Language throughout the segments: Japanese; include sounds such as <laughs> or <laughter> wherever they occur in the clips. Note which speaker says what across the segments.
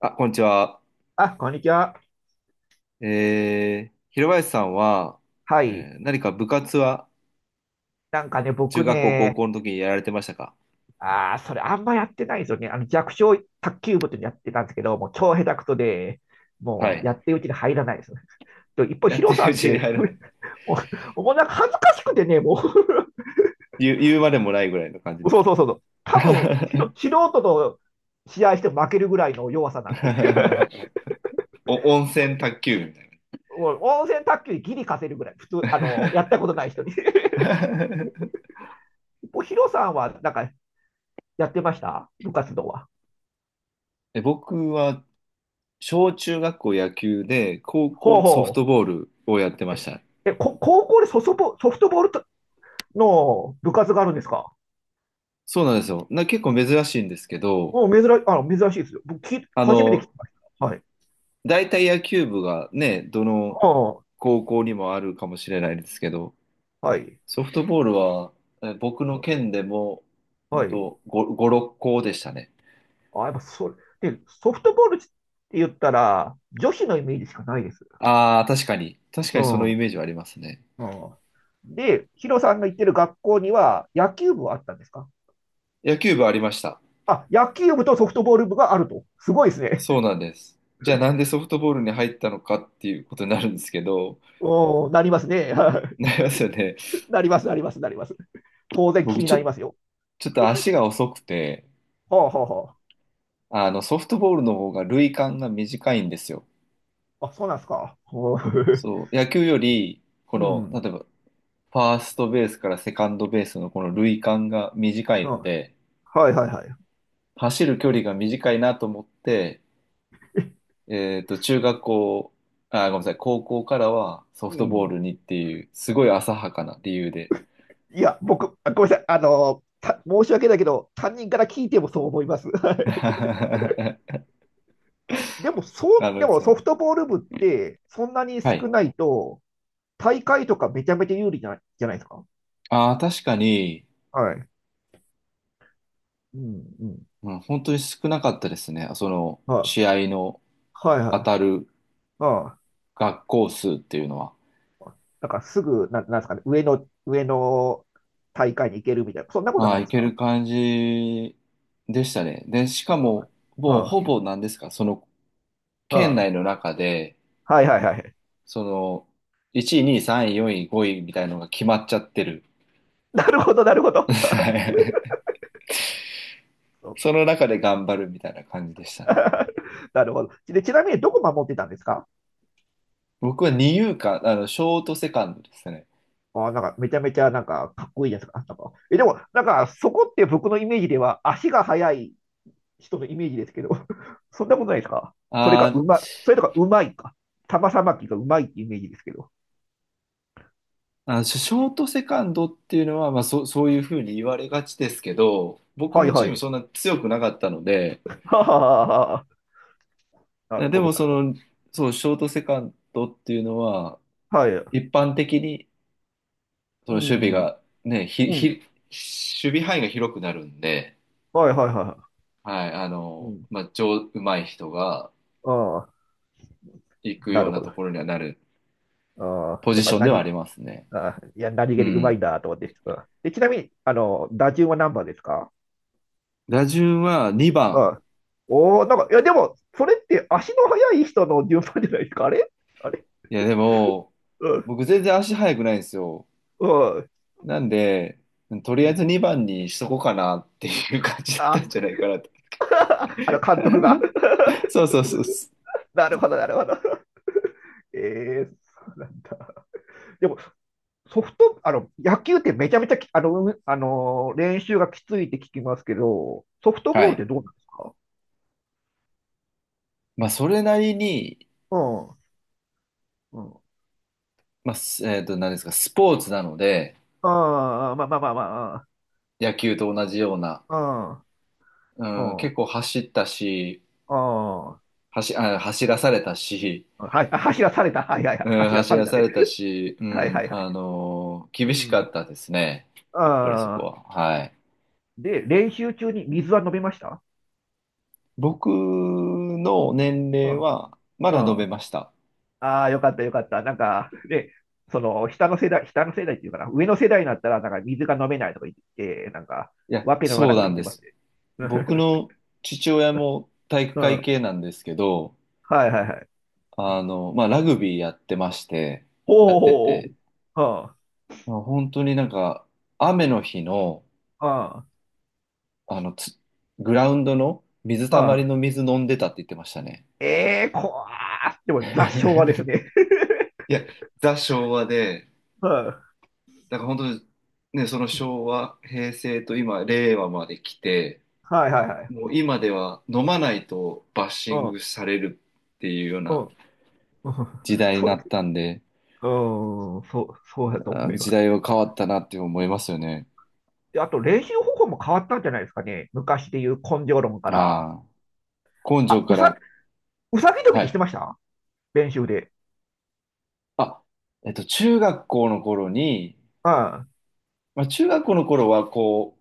Speaker 1: あ、こんにちは。
Speaker 2: あ、こんにちは。
Speaker 1: 広林さんは、
Speaker 2: はい。
Speaker 1: 何か部活は中
Speaker 2: 僕
Speaker 1: 学校、高
Speaker 2: ね、
Speaker 1: 校の時にやられてましたか？
Speaker 2: ああ、それあんまやってないですよね。弱小卓球部っていうのやってたんですけど、もう超下手くそで、
Speaker 1: は
Speaker 2: もう
Speaker 1: い。
Speaker 2: やってるうちに入らないですねと <laughs> 一方、
Speaker 1: や
Speaker 2: ヒ
Speaker 1: って
Speaker 2: ロ
Speaker 1: る
Speaker 2: さ
Speaker 1: う
Speaker 2: んっ
Speaker 1: ちに
Speaker 2: て、
Speaker 1: 入
Speaker 2: <laughs>
Speaker 1: ら
Speaker 2: も
Speaker 1: ない。
Speaker 2: もうなんか恥ずかしくてね、も
Speaker 1: 言う、言うまでもないぐらいの感じ
Speaker 2: う <laughs>
Speaker 1: です。
Speaker 2: そうそうそうそう。多分、ひろ素人と試合しても負けるぐらいの弱さなんで、<laughs>
Speaker 1: <laughs> お、温泉卓球みたい
Speaker 2: もう温泉卓球でギリ勝てるぐらい、普通、やったことない人に。<laughs>
Speaker 1: な。
Speaker 2: 一方、ヒロさんはなんかやってました部活動は。
Speaker 1: <laughs> え、僕は小中学校野球で高
Speaker 2: ほう
Speaker 1: 校ソフ
Speaker 2: ほ
Speaker 1: ト
Speaker 2: う。
Speaker 1: ボールをやってました。
Speaker 2: 高校でソフトボールとの部活があるんですか？
Speaker 1: そうなんですよ。な、結構珍しいんですけど、
Speaker 2: うん、珍しいですよ。
Speaker 1: あ
Speaker 2: 初めて聞き
Speaker 1: の、
Speaker 2: ました。はい。
Speaker 1: 大体野球部がね、どの
Speaker 2: あ
Speaker 1: 高校にもあるかもしれないですけど、
Speaker 2: あ、はい。
Speaker 1: ソフトボールは、え僕の県でも、本
Speaker 2: はい。
Speaker 1: 当5、5、6校でしたね。
Speaker 2: あ、やっぱそれ、で、ソフトボールって言ったら、女子のイメージしかないです。
Speaker 1: ああ、確かに。確か
Speaker 2: う
Speaker 1: にその
Speaker 2: ん。
Speaker 1: イ
Speaker 2: う
Speaker 1: メージはありますね。
Speaker 2: ん。で、ヒロさんが行ってる学校には、野球部はあったんですか？
Speaker 1: 野球部ありました。
Speaker 2: あ、野球部とソフトボール部があると。すごいですね。
Speaker 1: そうなんです。じゃあなんでソフトボールに入ったのかっていうことになるんですけど、
Speaker 2: <laughs> うん、なりますね。<laughs> は
Speaker 1: な
Speaker 2: い、
Speaker 1: りますよね。
Speaker 2: なります。当然気
Speaker 1: 僕
Speaker 2: に
Speaker 1: ち
Speaker 2: な
Speaker 1: ょ、
Speaker 2: りますよ。
Speaker 1: ちょっと足が遅くて、
Speaker 2: はあ、はあ、は
Speaker 1: あのソフトボールの方が塁間が短いんですよ。
Speaker 2: あ。あ、そうなんですか。
Speaker 1: そう、野球より、こ
Speaker 2: う
Speaker 1: の、
Speaker 2: ん。
Speaker 1: 例えばファーストベースからセカンドベースのこの塁間が短
Speaker 2: う
Speaker 1: い
Speaker 2: ん。
Speaker 1: ので、
Speaker 2: はいはいはい。
Speaker 1: 走る距離が短いなと思って、えっと、中学校、あ、ごめんなさい、高校からはソ
Speaker 2: う
Speaker 1: フトボー
Speaker 2: ん。
Speaker 1: ルにっていう、すごい浅はかな理由で。
Speaker 2: ごめんなさい。申し訳ないけど、担任から聞いてもそう思います。<laughs> はい。
Speaker 1: <laughs> あ
Speaker 2: あでも、そう、で
Speaker 1: の、
Speaker 2: も
Speaker 1: そ
Speaker 2: ソ
Speaker 1: う。
Speaker 2: フトボール部って、そんなに
Speaker 1: は
Speaker 2: 少
Speaker 1: い。
Speaker 2: ないと、大会とかめちゃめちゃ有利じゃない、じゃないですか。
Speaker 1: ああ、確かに、
Speaker 2: はい。うん、うん。
Speaker 1: うん、本当に少なかったですね。その、
Speaker 2: は
Speaker 1: 試合の
Speaker 2: い。はい
Speaker 1: 当
Speaker 2: はい。
Speaker 1: たる
Speaker 2: ああ。
Speaker 1: 学校数っていうのは。
Speaker 2: なんかすぐ、な、なんですかね、上の大会に行けるみたいな、そんなことは
Speaker 1: あ
Speaker 2: な
Speaker 1: あ、
Speaker 2: い
Speaker 1: い
Speaker 2: です
Speaker 1: け
Speaker 2: か？
Speaker 1: る感じでしたね。で、しか
Speaker 2: あ
Speaker 1: も、
Speaker 2: あ、
Speaker 1: もうほ
Speaker 2: あ
Speaker 1: ぼ何ですか、その県内
Speaker 2: あ
Speaker 1: の中で、
Speaker 2: あはいはいはい。
Speaker 1: その、1位、2位、3位、4位、5位みたいのが決まっちゃってる。
Speaker 2: なるほど、なるほど。
Speaker 1: <laughs> はい。その
Speaker 2: <laughs>
Speaker 1: 中で頑張るみたいな感じでしたね。
Speaker 2: なるほど。で、ちなみにどこ守ってたんですか？
Speaker 1: 僕は二遊間、あの、ショートセカンドですね。
Speaker 2: あー、なんかめちゃめちゃなんかかっこいいじゃないですか。なんかえ、でも、なんかそこって僕のイメージでは足が速い人のイメージですけど、<laughs> そんなことないですか？
Speaker 1: あー、
Speaker 2: それとかうまいか。玉さばきがうまいってイメージですけど。
Speaker 1: あの、ショートセカンドっていうのは、まあ、そういうふうに言われがちですけど、僕
Speaker 2: はい
Speaker 1: のチ
Speaker 2: は
Speaker 1: ーム
Speaker 2: い。
Speaker 1: そんな強くなかったので、
Speaker 2: <laughs> ははははは。なる
Speaker 1: で
Speaker 2: ほど、
Speaker 1: も
Speaker 2: な
Speaker 1: そ
Speaker 2: るほど。
Speaker 1: の、そう、ショートセカンドっていうのは、
Speaker 2: はい。
Speaker 1: 一般的に、その
Speaker 2: う
Speaker 1: 守備
Speaker 2: ん、
Speaker 1: が、ね、
Speaker 2: うん。
Speaker 1: 守備範囲が広くなるんで、
Speaker 2: はいはいは
Speaker 1: はい、あ
Speaker 2: い。う
Speaker 1: の、
Speaker 2: ん。
Speaker 1: まあ、上手い人が
Speaker 2: ああ、
Speaker 1: 行く
Speaker 2: な
Speaker 1: よう
Speaker 2: るほ
Speaker 1: なとこ
Speaker 2: ど。
Speaker 1: ろにはなる
Speaker 2: ああ、
Speaker 1: ポ
Speaker 2: や
Speaker 1: ジ
Speaker 2: っぱ
Speaker 1: ションではあ
Speaker 2: 何、
Speaker 1: りますね。
Speaker 2: ああ、いや、何
Speaker 1: う
Speaker 2: 気にうまい
Speaker 1: ん。
Speaker 2: なと思って。うん。で、ちなみに、打順は何番ですか？
Speaker 1: 打順は2番。
Speaker 2: はい。おー、なんか、いや、でも、それって足の速い人の順番じゃないですか。あれ？あれ？
Speaker 1: いや、でも、
Speaker 2: うん。
Speaker 1: 僕全然足速くないんですよ。
Speaker 2: うん。
Speaker 1: なんで、とり
Speaker 2: う
Speaker 1: あえず
Speaker 2: ん。
Speaker 1: 2番にしとこうかなっていう感じだった
Speaker 2: あ、
Speaker 1: んじゃないかなと。
Speaker 2: あの監督が。
Speaker 1: そうそうそうそう。
Speaker 2: <laughs> なるほど、なるほど。えー、そうなんだ。でも、ソフト、あの、野球ってめちゃめちゃき、あの、うあのー、練習がきついって聞きますけど、ソフトボ
Speaker 1: は
Speaker 2: ールって
Speaker 1: い。
Speaker 2: どうなんですか？
Speaker 1: まあ、それなりに、
Speaker 2: うん。うん。
Speaker 1: 何ですか、スポーツなので、
Speaker 2: ああ、まあまあまあま
Speaker 1: 野球と同じような、
Speaker 2: あ。う
Speaker 1: うん、
Speaker 2: ん。う
Speaker 1: 結構
Speaker 2: ん。
Speaker 1: 走ったし、
Speaker 2: うん。
Speaker 1: 走らされたし、
Speaker 2: はい。あ、走らされた。はいはいはい。走らされたね。
Speaker 1: う
Speaker 2: はい
Speaker 1: ん、
Speaker 2: はいはい。
Speaker 1: 厳
Speaker 2: う
Speaker 1: しか
Speaker 2: ん。
Speaker 1: ったですね。やっぱりそこ
Speaker 2: ああ。
Speaker 1: は。はい。
Speaker 2: で、練習中に水は飲めました？
Speaker 1: 僕の年
Speaker 2: う
Speaker 1: 齢
Speaker 2: ん、
Speaker 1: は、ま
Speaker 2: う
Speaker 1: だ飲め
Speaker 2: ん。
Speaker 1: ました。
Speaker 2: ああ、よかったよかった。なんか、で、その、下の世代っていうかな、上の世代になったら、なんか水が飲めないとか言って、なんか、
Speaker 1: いや、
Speaker 2: わけのわか
Speaker 1: そ
Speaker 2: らな
Speaker 1: う
Speaker 2: いこと
Speaker 1: な
Speaker 2: 言
Speaker 1: ん
Speaker 2: って
Speaker 1: で
Speaker 2: ます
Speaker 1: す。
Speaker 2: ね。
Speaker 1: 僕の父親も体
Speaker 2: <laughs>
Speaker 1: 育
Speaker 2: う
Speaker 1: 会
Speaker 2: ん。
Speaker 1: 系なんですけど、
Speaker 2: はいはいはい。
Speaker 1: あの、まあ、ラグビーやってまして、や
Speaker 2: ほう
Speaker 1: って
Speaker 2: ほ
Speaker 1: て、
Speaker 2: うほう。は
Speaker 1: まあ本当になんか、雨の日の、
Speaker 2: あ、は
Speaker 1: あの、つグラウンドの水
Speaker 2: あ、
Speaker 1: た
Speaker 2: は
Speaker 1: まり
Speaker 2: あ。
Speaker 1: の水飲んでたって言ってましたね。
Speaker 2: ええー、怖ー。でも、雑昭和ですね。
Speaker 1: <laughs> いや、ザ・昭和で、
Speaker 2: <laughs> うん。
Speaker 1: だから本当にね、その昭和、平成と今、令和まで来て、
Speaker 2: はいはいはい。
Speaker 1: もう今では飲まないとバッ
Speaker 2: う
Speaker 1: シン
Speaker 2: ん、
Speaker 1: グされるっていうよう
Speaker 2: うん。
Speaker 1: な
Speaker 2: うん
Speaker 1: 時
Speaker 2: <laughs>
Speaker 1: 代に
Speaker 2: そ
Speaker 1: な
Speaker 2: う。
Speaker 1: ったんで、
Speaker 2: うん、そう
Speaker 1: い
Speaker 2: だ
Speaker 1: や
Speaker 2: と思
Speaker 1: ー、
Speaker 2: い
Speaker 1: 時
Speaker 2: ま
Speaker 1: 代
Speaker 2: す。
Speaker 1: は変わったなって思いますよね。
Speaker 2: あと練習方法も変わったんじゃないですかね。昔でいう根性論から。
Speaker 1: ああ、根性
Speaker 2: あ、う
Speaker 1: か
Speaker 2: さ、
Speaker 1: ら、
Speaker 2: うさぎ跳び
Speaker 1: は
Speaker 2: ってして
Speaker 1: い。
Speaker 2: ました？練習で。
Speaker 1: あ、中学校の頃に、
Speaker 2: うん、
Speaker 1: まあ、中学校の頃はこ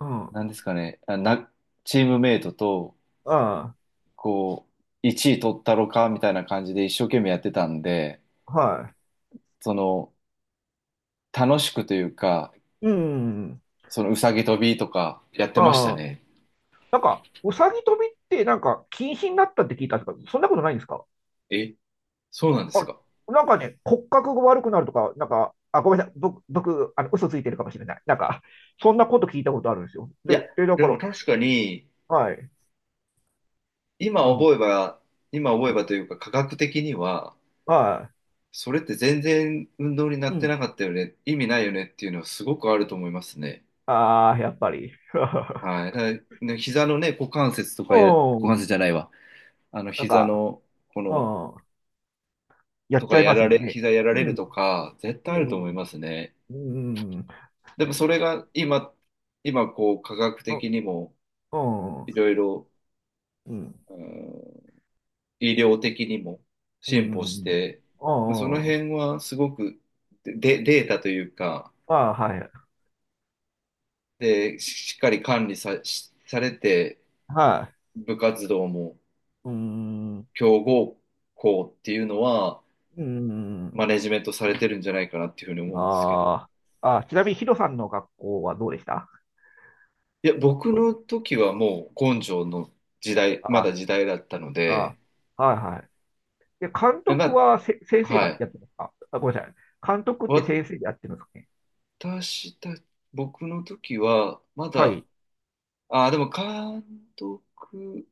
Speaker 2: うん、うん、
Speaker 1: う、なんですかね、チームメイトと、
Speaker 2: は
Speaker 1: こう、1位取ったろかみたいな感じで一生懸命やってたんで、その、楽しくというか、
Speaker 2: い。うん、うん。
Speaker 1: そのうさぎ跳びとかやってました
Speaker 2: な
Speaker 1: ね。
Speaker 2: んか、うさぎ跳びってなんか禁止になったって聞いたんですけど、そんなことないんですか？
Speaker 1: え、そうなんです
Speaker 2: あ、
Speaker 1: か。
Speaker 2: なんかね、骨格が悪くなるとか、なんか、あ、ごめんなさい。僕、嘘ついてるかもしれない。なんか、そんなこと聞いたことあるんですよ。
Speaker 1: い
Speaker 2: で、
Speaker 1: や、
Speaker 2: だ
Speaker 1: で
Speaker 2: か
Speaker 1: も
Speaker 2: ら、
Speaker 1: 確かに、
Speaker 2: はい。
Speaker 1: 今
Speaker 2: うん、
Speaker 1: 覚えば、今
Speaker 2: う
Speaker 1: 覚え
Speaker 2: ん、
Speaker 1: ばというか、科学的には、
Speaker 2: は
Speaker 1: それって全然運動にな
Speaker 2: い。う
Speaker 1: ってな
Speaker 2: ん。
Speaker 1: かったよね、意味ないよねっていうのはすごくあると思いますね。
Speaker 2: ああ、やっぱり。<laughs>
Speaker 1: はい。だからね、膝のね、股関節とかや、股
Speaker 2: う
Speaker 1: 関
Speaker 2: ん。
Speaker 1: 節じゃないわ。あの、
Speaker 2: なん
Speaker 1: 膝
Speaker 2: か、
Speaker 1: の、こ
Speaker 2: う
Speaker 1: の、
Speaker 2: ん、や
Speaker 1: と
Speaker 2: っち
Speaker 1: か
Speaker 2: ゃい
Speaker 1: や
Speaker 2: ます
Speaker 1: ら
Speaker 2: も
Speaker 1: れ、
Speaker 2: んね。
Speaker 1: 膝やら
Speaker 2: う
Speaker 1: れると
Speaker 2: ん、
Speaker 1: か、絶
Speaker 2: う
Speaker 1: 対あると思いま
Speaker 2: ん、
Speaker 1: すね。
Speaker 2: うん、うん、うん、
Speaker 1: でもそれが今、今こう、科学的にも、
Speaker 2: うん、
Speaker 1: いろいろ、
Speaker 2: うん、
Speaker 1: うん、医療的にも
Speaker 2: う
Speaker 1: 進歩し
Speaker 2: ん、
Speaker 1: て、
Speaker 2: う
Speaker 1: まあその
Speaker 2: ん、あ
Speaker 1: 辺はすごくで、データというか、
Speaker 2: あ、はい、
Speaker 1: で、ししっかり管理さ、しされて、
Speaker 2: はい、
Speaker 1: 部活動も
Speaker 2: うん、
Speaker 1: 強豪校っていうのは、
Speaker 2: う
Speaker 1: マ
Speaker 2: ん、
Speaker 1: ネジメントされてるんじゃないかなっていうふうに思うんですけど、
Speaker 2: ああ、あ、ちなみにヒロさんの学校はどうでした？
Speaker 1: いや、僕の時はもう根性の時代、まだ
Speaker 2: あ、
Speaker 1: 時代だったの
Speaker 2: あ、
Speaker 1: で、
Speaker 2: はい、はい。で、監
Speaker 1: ま
Speaker 2: 督はせ先
Speaker 1: あ、
Speaker 2: 生
Speaker 1: は
Speaker 2: が
Speaker 1: い。
Speaker 2: やってますか？あ、ごめんなさい。監督って先生でやってるんですかね？
Speaker 1: 私た、僕の時は、ま
Speaker 2: は
Speaker 1: だ、
Speaker 2: い。
Speaker 1: ああ、でも監督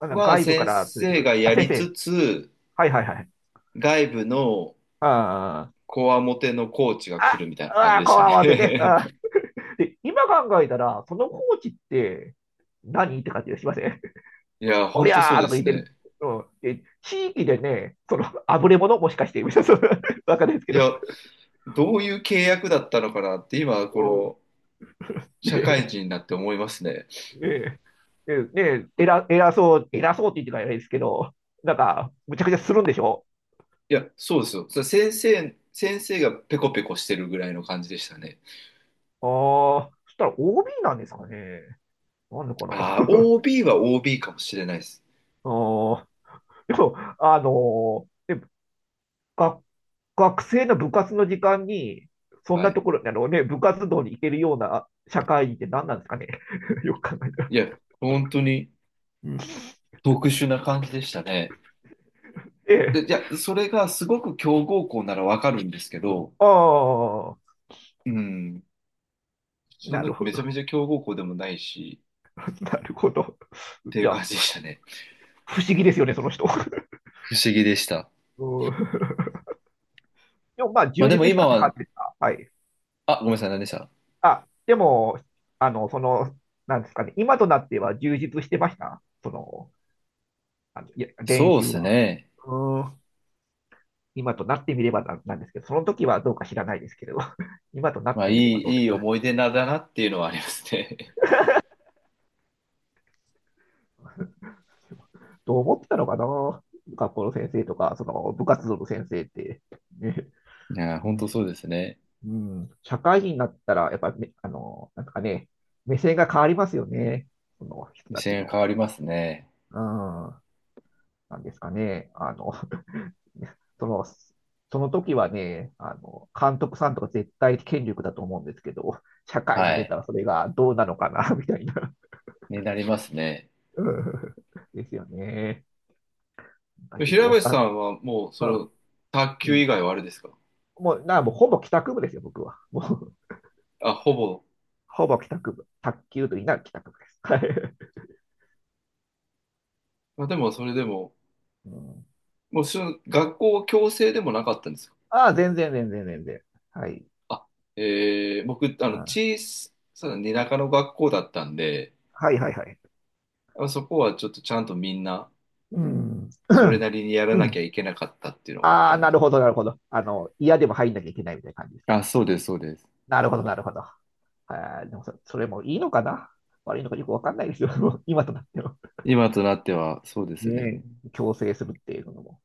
Speaker 2: あの
Speaker 1: は
Speaker 2: 外部か
Speaker 1: 先
Speaker 2: ら連れて
Speaker 1: 生
Speaker 2: くる。
Speaker 1: が
Speaker 2: あ、
Speaker 1: や
Speaker 2: 先
Speaker 1: りつ
Speaker 2: 生。
Speaker 1: つ、
Speaker 2: はいはいはい。
Speaker 1: 外部の
Speaker 2: ああ。
Speaker 1: こわもてのコーチが来
Speaker 2: あ、
Speaker 1: るみたいな
Speaker 2: う
Speaker 1: 感じ
Speaker 2: わ、
Speaker 1: でし
Speaker 2: こ
Speaker 1: た
Speaker 2: わわってね。
Speaker 1: ね。
Speaker 2: で、今考えたら、そのコーチって何って感じがしません？
Speaker 1: <laughs> いや、ほ
Speaker 2: お
Speaker 1: ん
Speaker 2: り
Speaker 1: とそ
Speaker 2: ゃ
Speaker 1: う
Speaker 2: ー
Speaker 1: で
Speaker 2: とか言
Speaker 1: す
Speaker 2: って
Speaker 1: ね。
Speaker 2: る。うん、で地域でね、その、あぶれ者もしかして、<laughs> みたいな、そ、わかんないですけ
Speaker 1: い
Speaker 2: ど。
Speaker 1: や、どういう契約だったのかなって今、こ
Speaker 2: うん、
Speaker 1: の社会人に
Speaker 2: ね
Speaker 1: なって思いますね。
Speaker 2: え、ねねえ、偉そうって言ってからないですけど、なんか、むちゃくちゃするんでしょ？
Speaker 1: いや、そうですよ。それ先生がペコペコしてるぐらいの感じでしたね。
Speaker 2: ああ、そしたら OB なんですかね。なんでかな。<laughs>
Speaker 1: ああ、
Speaker 2: あ
Speaker 1: OB は OB かもしれないです。
Speaker 2: あ、でも、あのーで学学生の部活の時間に、そん
Speaker 1: は
Speaker 2: なと
Speaker 1: い。
Speaker 2: ころ、あのね、部活動に行けるような社会人って何なんですかね。<laughs> よく考えたら。
Speaker 1: いや、本当に
Speaker 2: うん、
Speaker 1: 特殊な感じでしたね。
Speaker 2: え
Speaker 1: で、じ
Speaker 2: え、
Speaker 1: ゃあ、それがすごく強豪校ならわかるんですけど、
Speaker 2: ああ、
Speaker 1: うん、そん
Speaker 2: な
Speaker 1: な
Speaker 2: るほ
Speaker 1: めちゃ
Speaker 2: ど、
Speaker 1: めちゃ強豪校でもないし、
Speaker 2: <laughs> なるほど。
Speaker 1: っ
Speaker 2: い
Speaker 1: ていう
Speaker 2: や、
Speaker 1: 感じでしたね。
Speaker 2: 不思議ですよね、その人。<laughs>
Speaker 1: 不思議でした。
Speaker 2: うん。でもまあ、
Speaker 1: まあ
Speaker 2: 充
Speaker 1: でも
Speaker 2: 実し
Speaker 1: 今
Speaker 2: たって感
Speaker 1: は、
Speaker 2: じですか。はい。
Speaker 1: あ、ごめんなさい、何でした？
Speaker 2: あ、でも、あの、その、なんですかね、今となっては充実してました。その、あの、いや、練
Speaker 1: そうで
Speaker 2: 習
Speaker 1: す
Speaker 2: は。
Speaker 1: ね。
Speaker 2: うん。今となってみればな、なんですけど、その時はどうか知らないですけど、<laughs> 今とな
Speaker 1: ま
Speaker 2: っ
Speaker 1: あ、
Speaker 2: てみればどうで
Speaker 1: い
Speaker 2: す
Speaker 1: い
Speaker 2: か？
Speaker 1: 思い出なんだなっていうのはありますね。
Speaker 2: <laughs> どう思ってたのかな、学校の先生とか、その部活動の先生って。ね、
Speaker 1: <laughs> いやー、
Speaker 2: う
Speaker 1: 本
Speaker 2: ん、
Speaker 1: 当そうですね。
Speaker 2: うん、社会人になったら、やっぱりあの、なんかね、目線が変わりますよね。その人
Speaker 1: 目
Speaker 2: たち
Speaker 1: 線が変
Speaker 2: の。
Speaker 1: わりますね。
Speaker 2: うん、なんですかね。あの、<laughs> その、その時はね、あの、監督さんとか絶対権力だと思うんですけど、社会に
Speaker 1: は
Speaker 2: 出
Speaker 1: い。
Speaker 2: たらそれがどうなのかな、みたいな。
Speaker 1: になりますね。
Speaker 2: うん <laughs> ですよね。なんかよく
Speaker 1: 平
Speaker 2: わ
Speaker 1: 林
Speaker 2: か
Speaker 1: さ
Speaker 2: ん、
Speaker 1: んはもう、その、
Speaker 2: う
Speaker 1: 卓
Speaker 2: ん、う
Speaker 1: 球
Speaker 2: ん、
Speaker 1: 以外はあれですか？
Speaker 2: もうほぼ帰宅部ですよ、僕は。もう、
Speaker 1: あ、ほぼ。
Speaker 2: ほぼ帰宅部。卓球と言いながら帰宅部です。<laughs> はい。
Speaker 1: まあ、でも、それでも、
Speaker 2: うん。
Speaker 1: もう、その学校強制でもなかったんですか？
Speaker 2: ああ、全然。はい。
Speaker 1: あ、えー、僕、あの、
Speaker 2: ああ、
Speaker 1: 小さな田舎の学校だったんで、
Speaker 2: はい、はい、はい。
Speaker 1: あそこはちょっとちゃんとみんな、
Speaker 2: うん。
Speaker 1: それな
Speaker 2: <clears throat>
Speaker 1: りにやら
Speaker 2: う
Speaker 1: なき
Speaker 2: ん。
Speaker 1: ゃいけなかったっていうのがあっ
Speaker 2: あ
Speaker 1: た
Speaker 2: あ、
Speaker 1: んで
Speaker 2: な
Speaker 1: す。
Speaker 2: るほど、なるほど。あの、嫌でも入んなきゃいけないみたいな感じです
Speaker 1: あ、
Speaker 2: か。
Speaker 1: そうです、そうです。
Speaker 2: なるほど、なるほど。ああ、でもそ、それもいいのかな？悪いのかよくわかんないですよ。<laughs> もう今となっては。
Speaker 1: 今となっては、そうですね。
Speaker 2: ねえ、強制するっていうのも。